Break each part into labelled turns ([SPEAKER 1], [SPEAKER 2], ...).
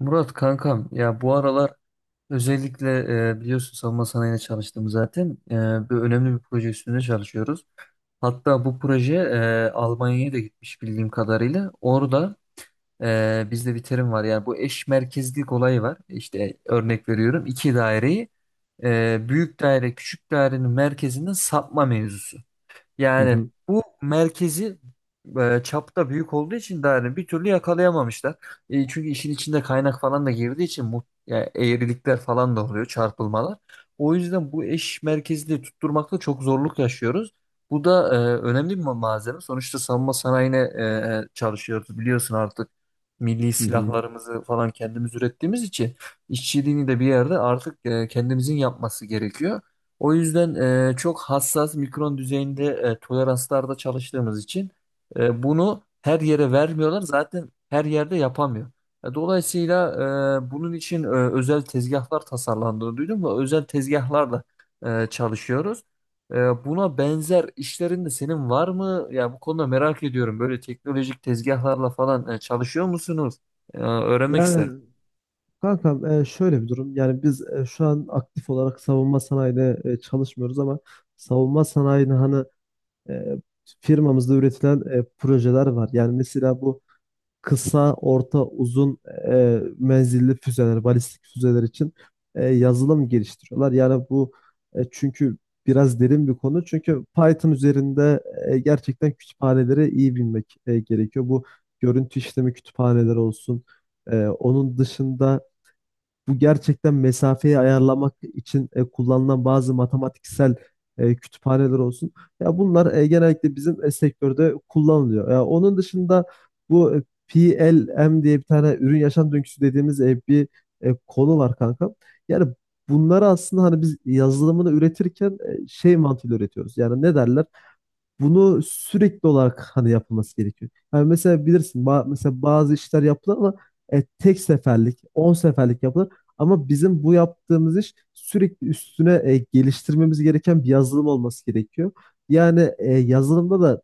[SPEAKER 1] Murat kankam ya bu aralar özellikle biliyorsun savunma sanayine çalıştım zaten. Bir önemli bir proje üstünde çalışıyoruz. Hatta bu proje Almanya'ya da gitmiş bildiğim kadarıyla. Orada bizde bir terim var, yani bu eş merkezlik olayı var. İşte örnek veriyorum, iki daireyi büyük daire küçük dairenin merkezinden sapma mevzusu.
[SPEAKER 2] Hı
[SPEAKER 1] Yani
[SPEAKER 2] hı.
[SPEAKER 1] bu merkezi çapta büyük olduğu için de hani bir türlü yakalayamamışlar. Çünkü işin içinde kaynak falan da girdiği için mu, yani eğrilikler falan da oluyor, çarpılmalar. O yüzden bu eş merkezli tutturmakta çok zorluk yaşıyoruz. Bu da önemli bir malzeme. Sonuçta savunma sanayine çalışıyoruz biliyorsun artık. Milli
[SPEAKER 2] Hı hı.
[SPEAKER 1] silahlarımızı falan kendimiz ürettiğimiz için işçiliğini de bir yerde artık kendimizin yapması gerekiyor. O yüzden çok hassas mikron düzeyinde toleranslarda çalıştığımız için bunu her yere vermiyorlar. Zaten her yerde yapamıyor. Dolayısıyla, bunun için özel tezgahlar tasarlandığını duydum ve özel tezgahlarla çalışıyoruz. Buna benzer işlerin de senin var mı? Ya bu konuda merak ediyorum. Böyle teknolojik tezgahlarla falan çalışıyor musunuz? Öğrenmek isterim.
[SPEAKER 2] Yani kankam, şöyle bir durum. Yani biz şu an aktif olarak savunma sanayide çalışmıyoruz, ama savunma sanayinin e, firmamızda üretilen projeler var. Yani mesela bu kısa, orta, uzun menzilli füzeler, balistik füzeler için yazılım geliştiriyorlar. Çünkü biraz derin bir konu. Çünkü Python üzerinde gerçekten kütüphaneleri iyi bilmek gerekiyor. Bu görüntü işleme kütüphaneleri olsun. E, onun dışında bu gerçekten mesafeyi ayarlamak için kullanılan bazı matematiksel kütüphaneler olsun. Ya bunlar genellikle bizim sektörde kullanılıyor. Ya onun dışında bu PLM diye bir tane ürün yaşam döngüsü dediğimiz bir konu var, kanka. Yani bunları aslında hani biz yazılımını üretirken şey mantığıyla üretiyoruz. Yani ne derler? Bunu sürekli olarak hani yapılması gerekiyor. Yani mesela bilirsin mesela bazı işler yapılır, ama tek seferlik, 10 seferlik yapılır. Ama bizim bu yaptığımız iş sürekli üstüne geliştirmemiz gereken bir yazılım olması gerekiyor. Yani yazılımda da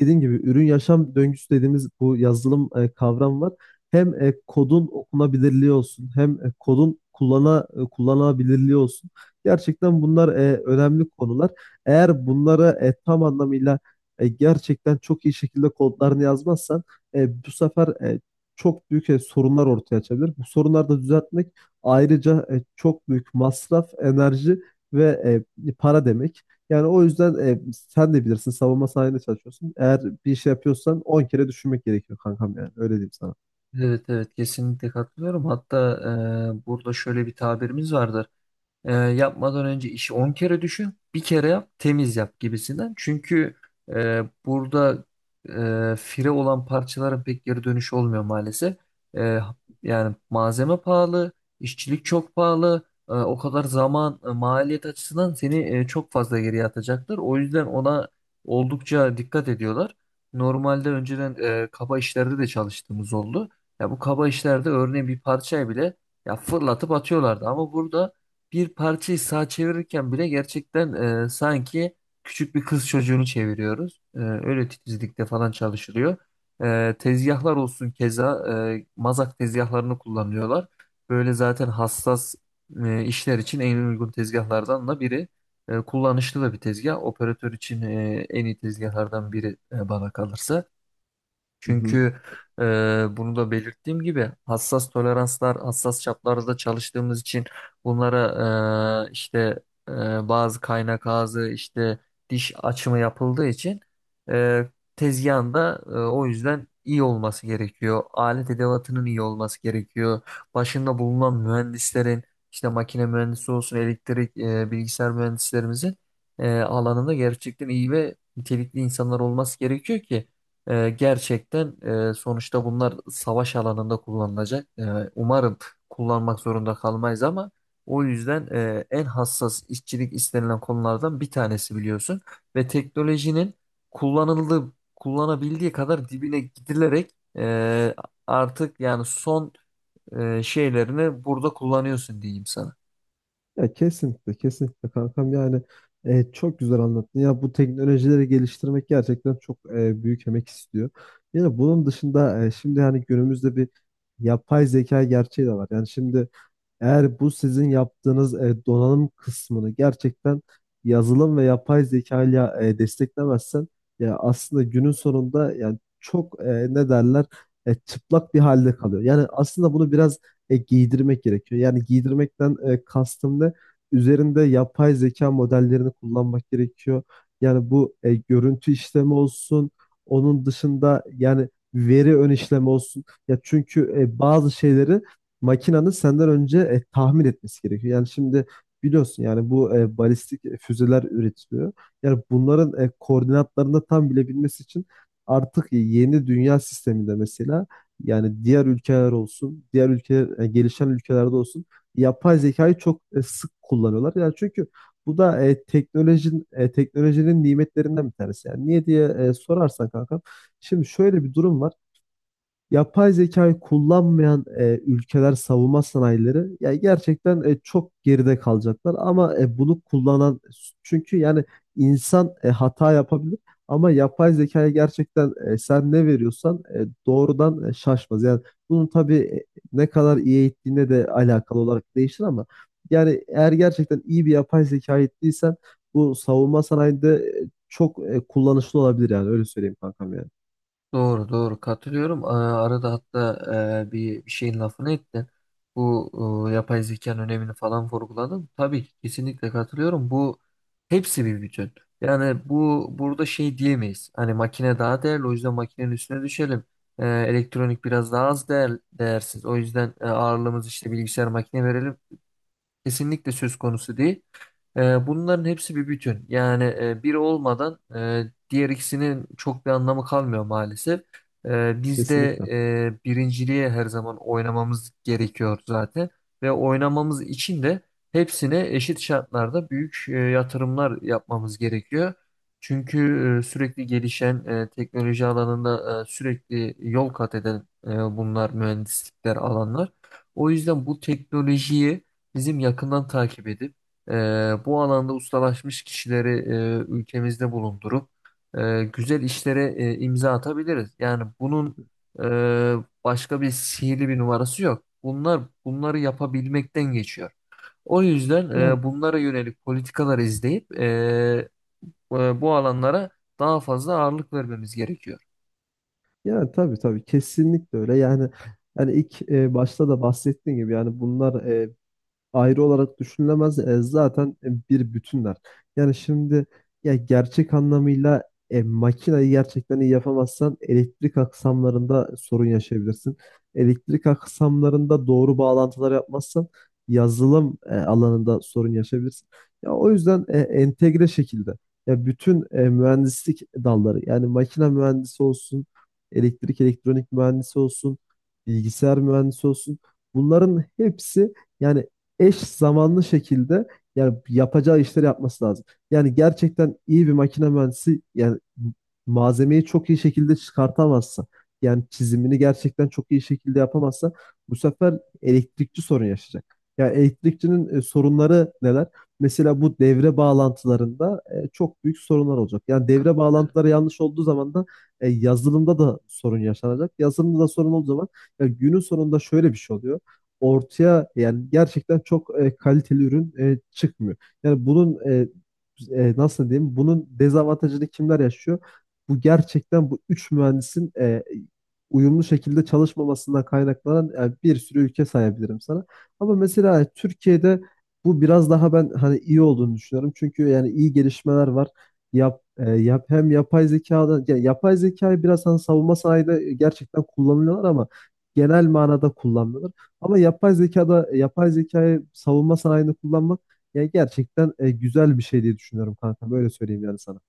[SPEAKER 2] dediğim gibi ürün yaşam döngüsü dediğimiz bu yazılım kavram var. Hem kodun okunabilirliği olsun, hem kodun kullanılabilirliği olsun. Gerçekten bunlar önemli konular. Eğer bunları tam anlamıyla gerçekten çok iyi şekilde kodlarını yazmazsan, bu sefer çok büyük sorunlar ortaya açabilir. Bu sorunları da düzeltmek ayrıca çok büyük masraf, enerji ve para demek. Yani o yüzden, sen de bilirsin, savunma sanayinde çalışıyorsun. Eğer bir şey yapıyorsan 10 kere düşünmek gerekiyor, kankam, yani öyle diyeyim sana.
[SPEAKER 1] Evet, evet, kesinlikle katılıyorum. Hatta burada şöyle bir tabirimiz vardır. Yapmadan önce işi 10 kere düşün, bir kere yap, temiz yap gibisinden. Çünkü burada fire olan parçaların pek geri dönüşü olmuyor maalesef. E, Yani malzeme pahalı, işçilik çok pahalı. O kadar zaman, maliyet açısından seni çok fazla geriye atacaktır. O yüzden ona oldukça dikkat ediyorlar. Normalde önceden kaba işlerde de çalıştığımız oldu. Ya bu kaba işlerde örneğin bir parçayı bile ya fırlatıp atıyorlardı ama burada bir parçayı sağa çevirirken bile gerçekten sanki küçük bir kız çocuğunu çeviriyoruz. Öyle titizlikte falan çalışılıyor. Tezgahlar olsun, keza mazak tezgahlarını kullanıyorlar. Böyle zaten hassas işler için en uygun tezgahlardan da biri. Kullanışlı da bir tezgah. Operatör için en iyi tezgahlardan biri bana kalırsa.
[SPEAKER 2] Hı hı.
[SPEAKER 1] Çünkü e, bunu da belirttiğim gibi hassas toleranslar, hassas çaplarda çalıştığımız için bunlara işte e, bazı kaynak ağzı, işte diş açımı yapıldığı için e, tezgahın o yüzden iyi olması gerekiyor. Alet edevatının iyi olması gerekiyor. Başında bulunan mühendislerin, işte makine mühendisi olsun, elektrik, bilgisayar mühendislerimizin alanında gerçekten iyi ve nitelikli insanlar olması gerekiyor ki gerçekten sonuçta bunlar savaş alanında kullanılacak. Umarım kullanmak zorunda kalmayız ama o yüzden en hassas işçilik istenilen konulardan bir tanesi biliyorsun. Ve teknolojinin kullanıldığı, kullanabildiği kadar dibine gidilerek e, artık yani son şeylerini burada kullanıyorsun diyeyim sana.
[SPEAKER 2] Ya, kesinlikle kesinlikle kankam, çok güzel anlattın. Ya bu teknolojileri geliştirmek gerçekten çok büyük emek istiyor. Yani bunun dışında şimdi yani günümüzde bir yapay zeka gerçeği de var. Yani şimdi eğer bu sizin yaptığınız donanım kısmını gerçekten yazılım ve yapay zeka ile desteklemezsen, ya aslında günün sonunda yani çok, ne derler, çıplak bir halde kalıyor. Yani aslında bunu biraz giydirmek gerekiyor. Yani giydirmekten kastım ne? Üzerinde yapay zeka modellerini kullanmak gerekiyor. Yani bu görüntü işlemi olsun. Onun dışında yani veri ön işlemi olsun. Ya çünkü bazı şeyleri makinanın senden önce tahmin etmesi gerekiyor. Yani şimdi biliyorsun yani bu balistik füzeler üretiliyor. Yani bunların koordinatlarını da tam bilebilmesi için artık yeni dünya sisteminde mesela yani diğer ülkeler olsun, diğer ülke gelişen ülkelerde olsun yapay zekayı çok sık kullanıyorlar. Yani çünkü bu da teknolojinin nimetlerinden bir tanesi. Yani niye diye sorarsan, kanka. Şimdi şöyle bir durum var: yapay zekayı kullanmayan ülkeler, savunma sanayileri ya gerçekten çok geride kalacaklar, ama bunu kullanan, çünkü yani insan hata yapabilir, ama yapay zekaya gerçekten, sen ne veriyorsan doğrudan, şaşmaz. Yani bunun tabii ne kadar iyi eğittiğine de alakalı olarak değişir, ama yani eğer gerçekten iyi bir yapay zeka eğittiysen bu savunma sanayinde çok kullanışlı olabilir, yani öyle söyleyeyim kankam, yani.
[SPEAKER 1] Doğru, doğru, katılıyorum. Arada hatta bir şeyin lafını ettin. Bu yapay zekanın önemini falan vurguladın. Tabii ki, kesinlikle katılıyorum. Bu hepsi bir bütün. Yani bu burada şey diyemeyiz. Hani makine daha değerli, o yüzden makinenin üstüne düşelim. Elektronik biraz daha az değersiz. O yüzden ağırlığımız işte bilgisayar makine verelim. Kesinlikle söz konusu değil. Bunların hepsi bir bütün. Yani biri olmadan diğer ikisinin çok bir anlamı kalmıyor maalesef. Biz de
[SPEAKER 2] Kesinlikle.
[SPEAKER 1] birinciliğe her zaman oynamamız gerekiyor zaten. Ve oynamamız için de hepsine eşit şartlarda büyük yatırımlar yapmamız gerekiyor. Çünkü sürekli gelişen teknoloji alanında sürekli yol kat eden bunlar mühendislikler alanlar. O yüzden bu teknolojiyi bizim yakından takip edip e, bu alanda ustalaşmış kişileri ülkemizde bulundurup güzel işlere imza atabiliriz. Yani bunun e, başka bir sihirli bir numarası yok. Bunlar bunları yapabilmekten geçiyor. O yüzden
[SPEAKER 2] Ya
[SPEAKER 1] bunlara yönelik politikalar izleyip bu alanlara daha fazla ağırlık vermemiz gerekiyor.
[SPEAKER 2] Yani tabii tabii kesinlikle öyle. Yani hani ilk başta da bahsettiğim gibi yani bunlar, ayrı olarak düşünülemez. Zaten bir bütünler. Yani şimdi ya gerçek anlamıyla makinayı gerçekten iyi yapamazsan, elektrik aksamlarında sorun yaşayabilirsin. Elektrik aksamlarında doğru bağlantılar yapmazsan, yazılım alanında sorun yaşayabilirsin. Ya o yüzden entegre şekilde, ya bütün mühendislik dalları, yani makine mühendisi olsun, elektrik elektronik mühendisi olsun, bilgisayar mühendisi olsun, bunların hepsi yani eş zamanlı şekilde yani yapacağı işleri yapması lazım. Yani gerçekten iyi bir makine mühendisi, yani malzemeyi çok iyi şekilde çıkartamazsa, yani çizimini gerçekten çok iyi şekilde yapamazsa, bu sefer elektrikçi sorun yaşayacak. Yani elektrikçinin sorunları neler? Mesela bu devre bağlantılarında çok büyük sorunlar olacak. Yani devre bağlantıları yanlış olduğu zaman da yazılımda da sorun yaşanacak. Yazılımda da sorun olduğu zaman, ya günün sonunda şöyle bir şey oluyor: ortaya yani gerçekten çok kaliteli ürün çıkmıyor. Yani bunun nasıl diyeyim? Bunun dezavantajını kimler yaşıyor? Bu gerçekten bu üç mühendisin uyumlu şekilde çalışmamasından kaynaklanan, yani bir sürü ülke sayabilirim sana. Ama mesela Türkiye'de bu biraz daha ben hani iyi olduğunu düşünüyorum. Çünkü yani iyi gelişmeler var. Yap, e, yap hem yapay zekadan yani yapay zekayı biraz hani savunma sanayide gerçekten kullanıyorlar, ama genel manada kullanmıyorlar. Ama yapay zekayı savunma sanayinde kullanmak yani gerçekten güzel bir şey diye düşünüyorum, kanka. Böyle söyleyeyim yani sana.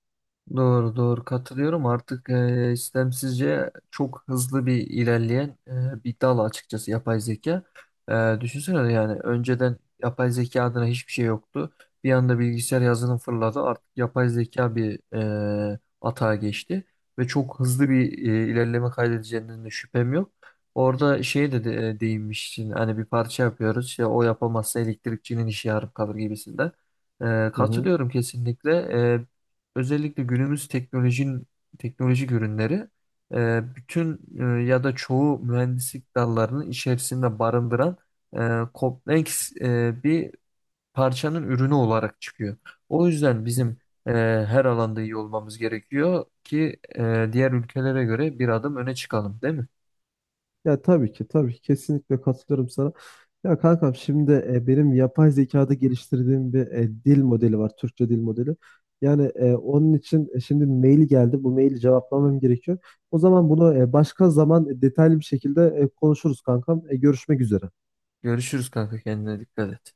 [SPEAKER 1] Doğru, doğru, katılıyorum. Artık istemsizce çok hızlı bir ilerleyen bir dal açıkçası yapay zeka. Düşünsene, yani önceden yapay zeka adına hiçbir şey yoktu. Bir anda bilgisayar yazılım fırladı. Artık yapay zeka bir atağa geçti ve çok hızlı bir ilerleme kaydedeceğinden de şüphem yok. Orada şey de değinmiştin hani bir parça yapıyoruz, işte o yapamazsa elektrikçinin işi yarım kalır gibisinden.
[SPEAKER 2] Hı hı.
[SPEAKER 1] Katılıyorum kesinlikle, özellikle günümüz teknolojinin teknolojik ürünleri bütün ya da çoğu mühendislik dallarının içerisinde barındıran kompleks bir parçanın ürünü olarak çıkıyor. O yüzden bizim e, her alanda iyi olmamız gerekiyor ki diğer ülkelere göre bir adım öne çıkalım, değil mi?
[SPEAKER 2] Ya tabii ki tabii ki kesinlikle katılıyorum sana. Ya kankam, şimdi benim yapay zekada geliştirdiğim bir dil modeli var. Türkçe dil modeli. Yani onun için şimdi mail geldi. Bu maili cevaplamam gerekiyor. O zaman bunu başka zaman detaylı bir şekilde konuşuruz kankam. Görüşmek üzere.
[SPEAKER 1] Görüşürüz kanka, kendine dikkat et.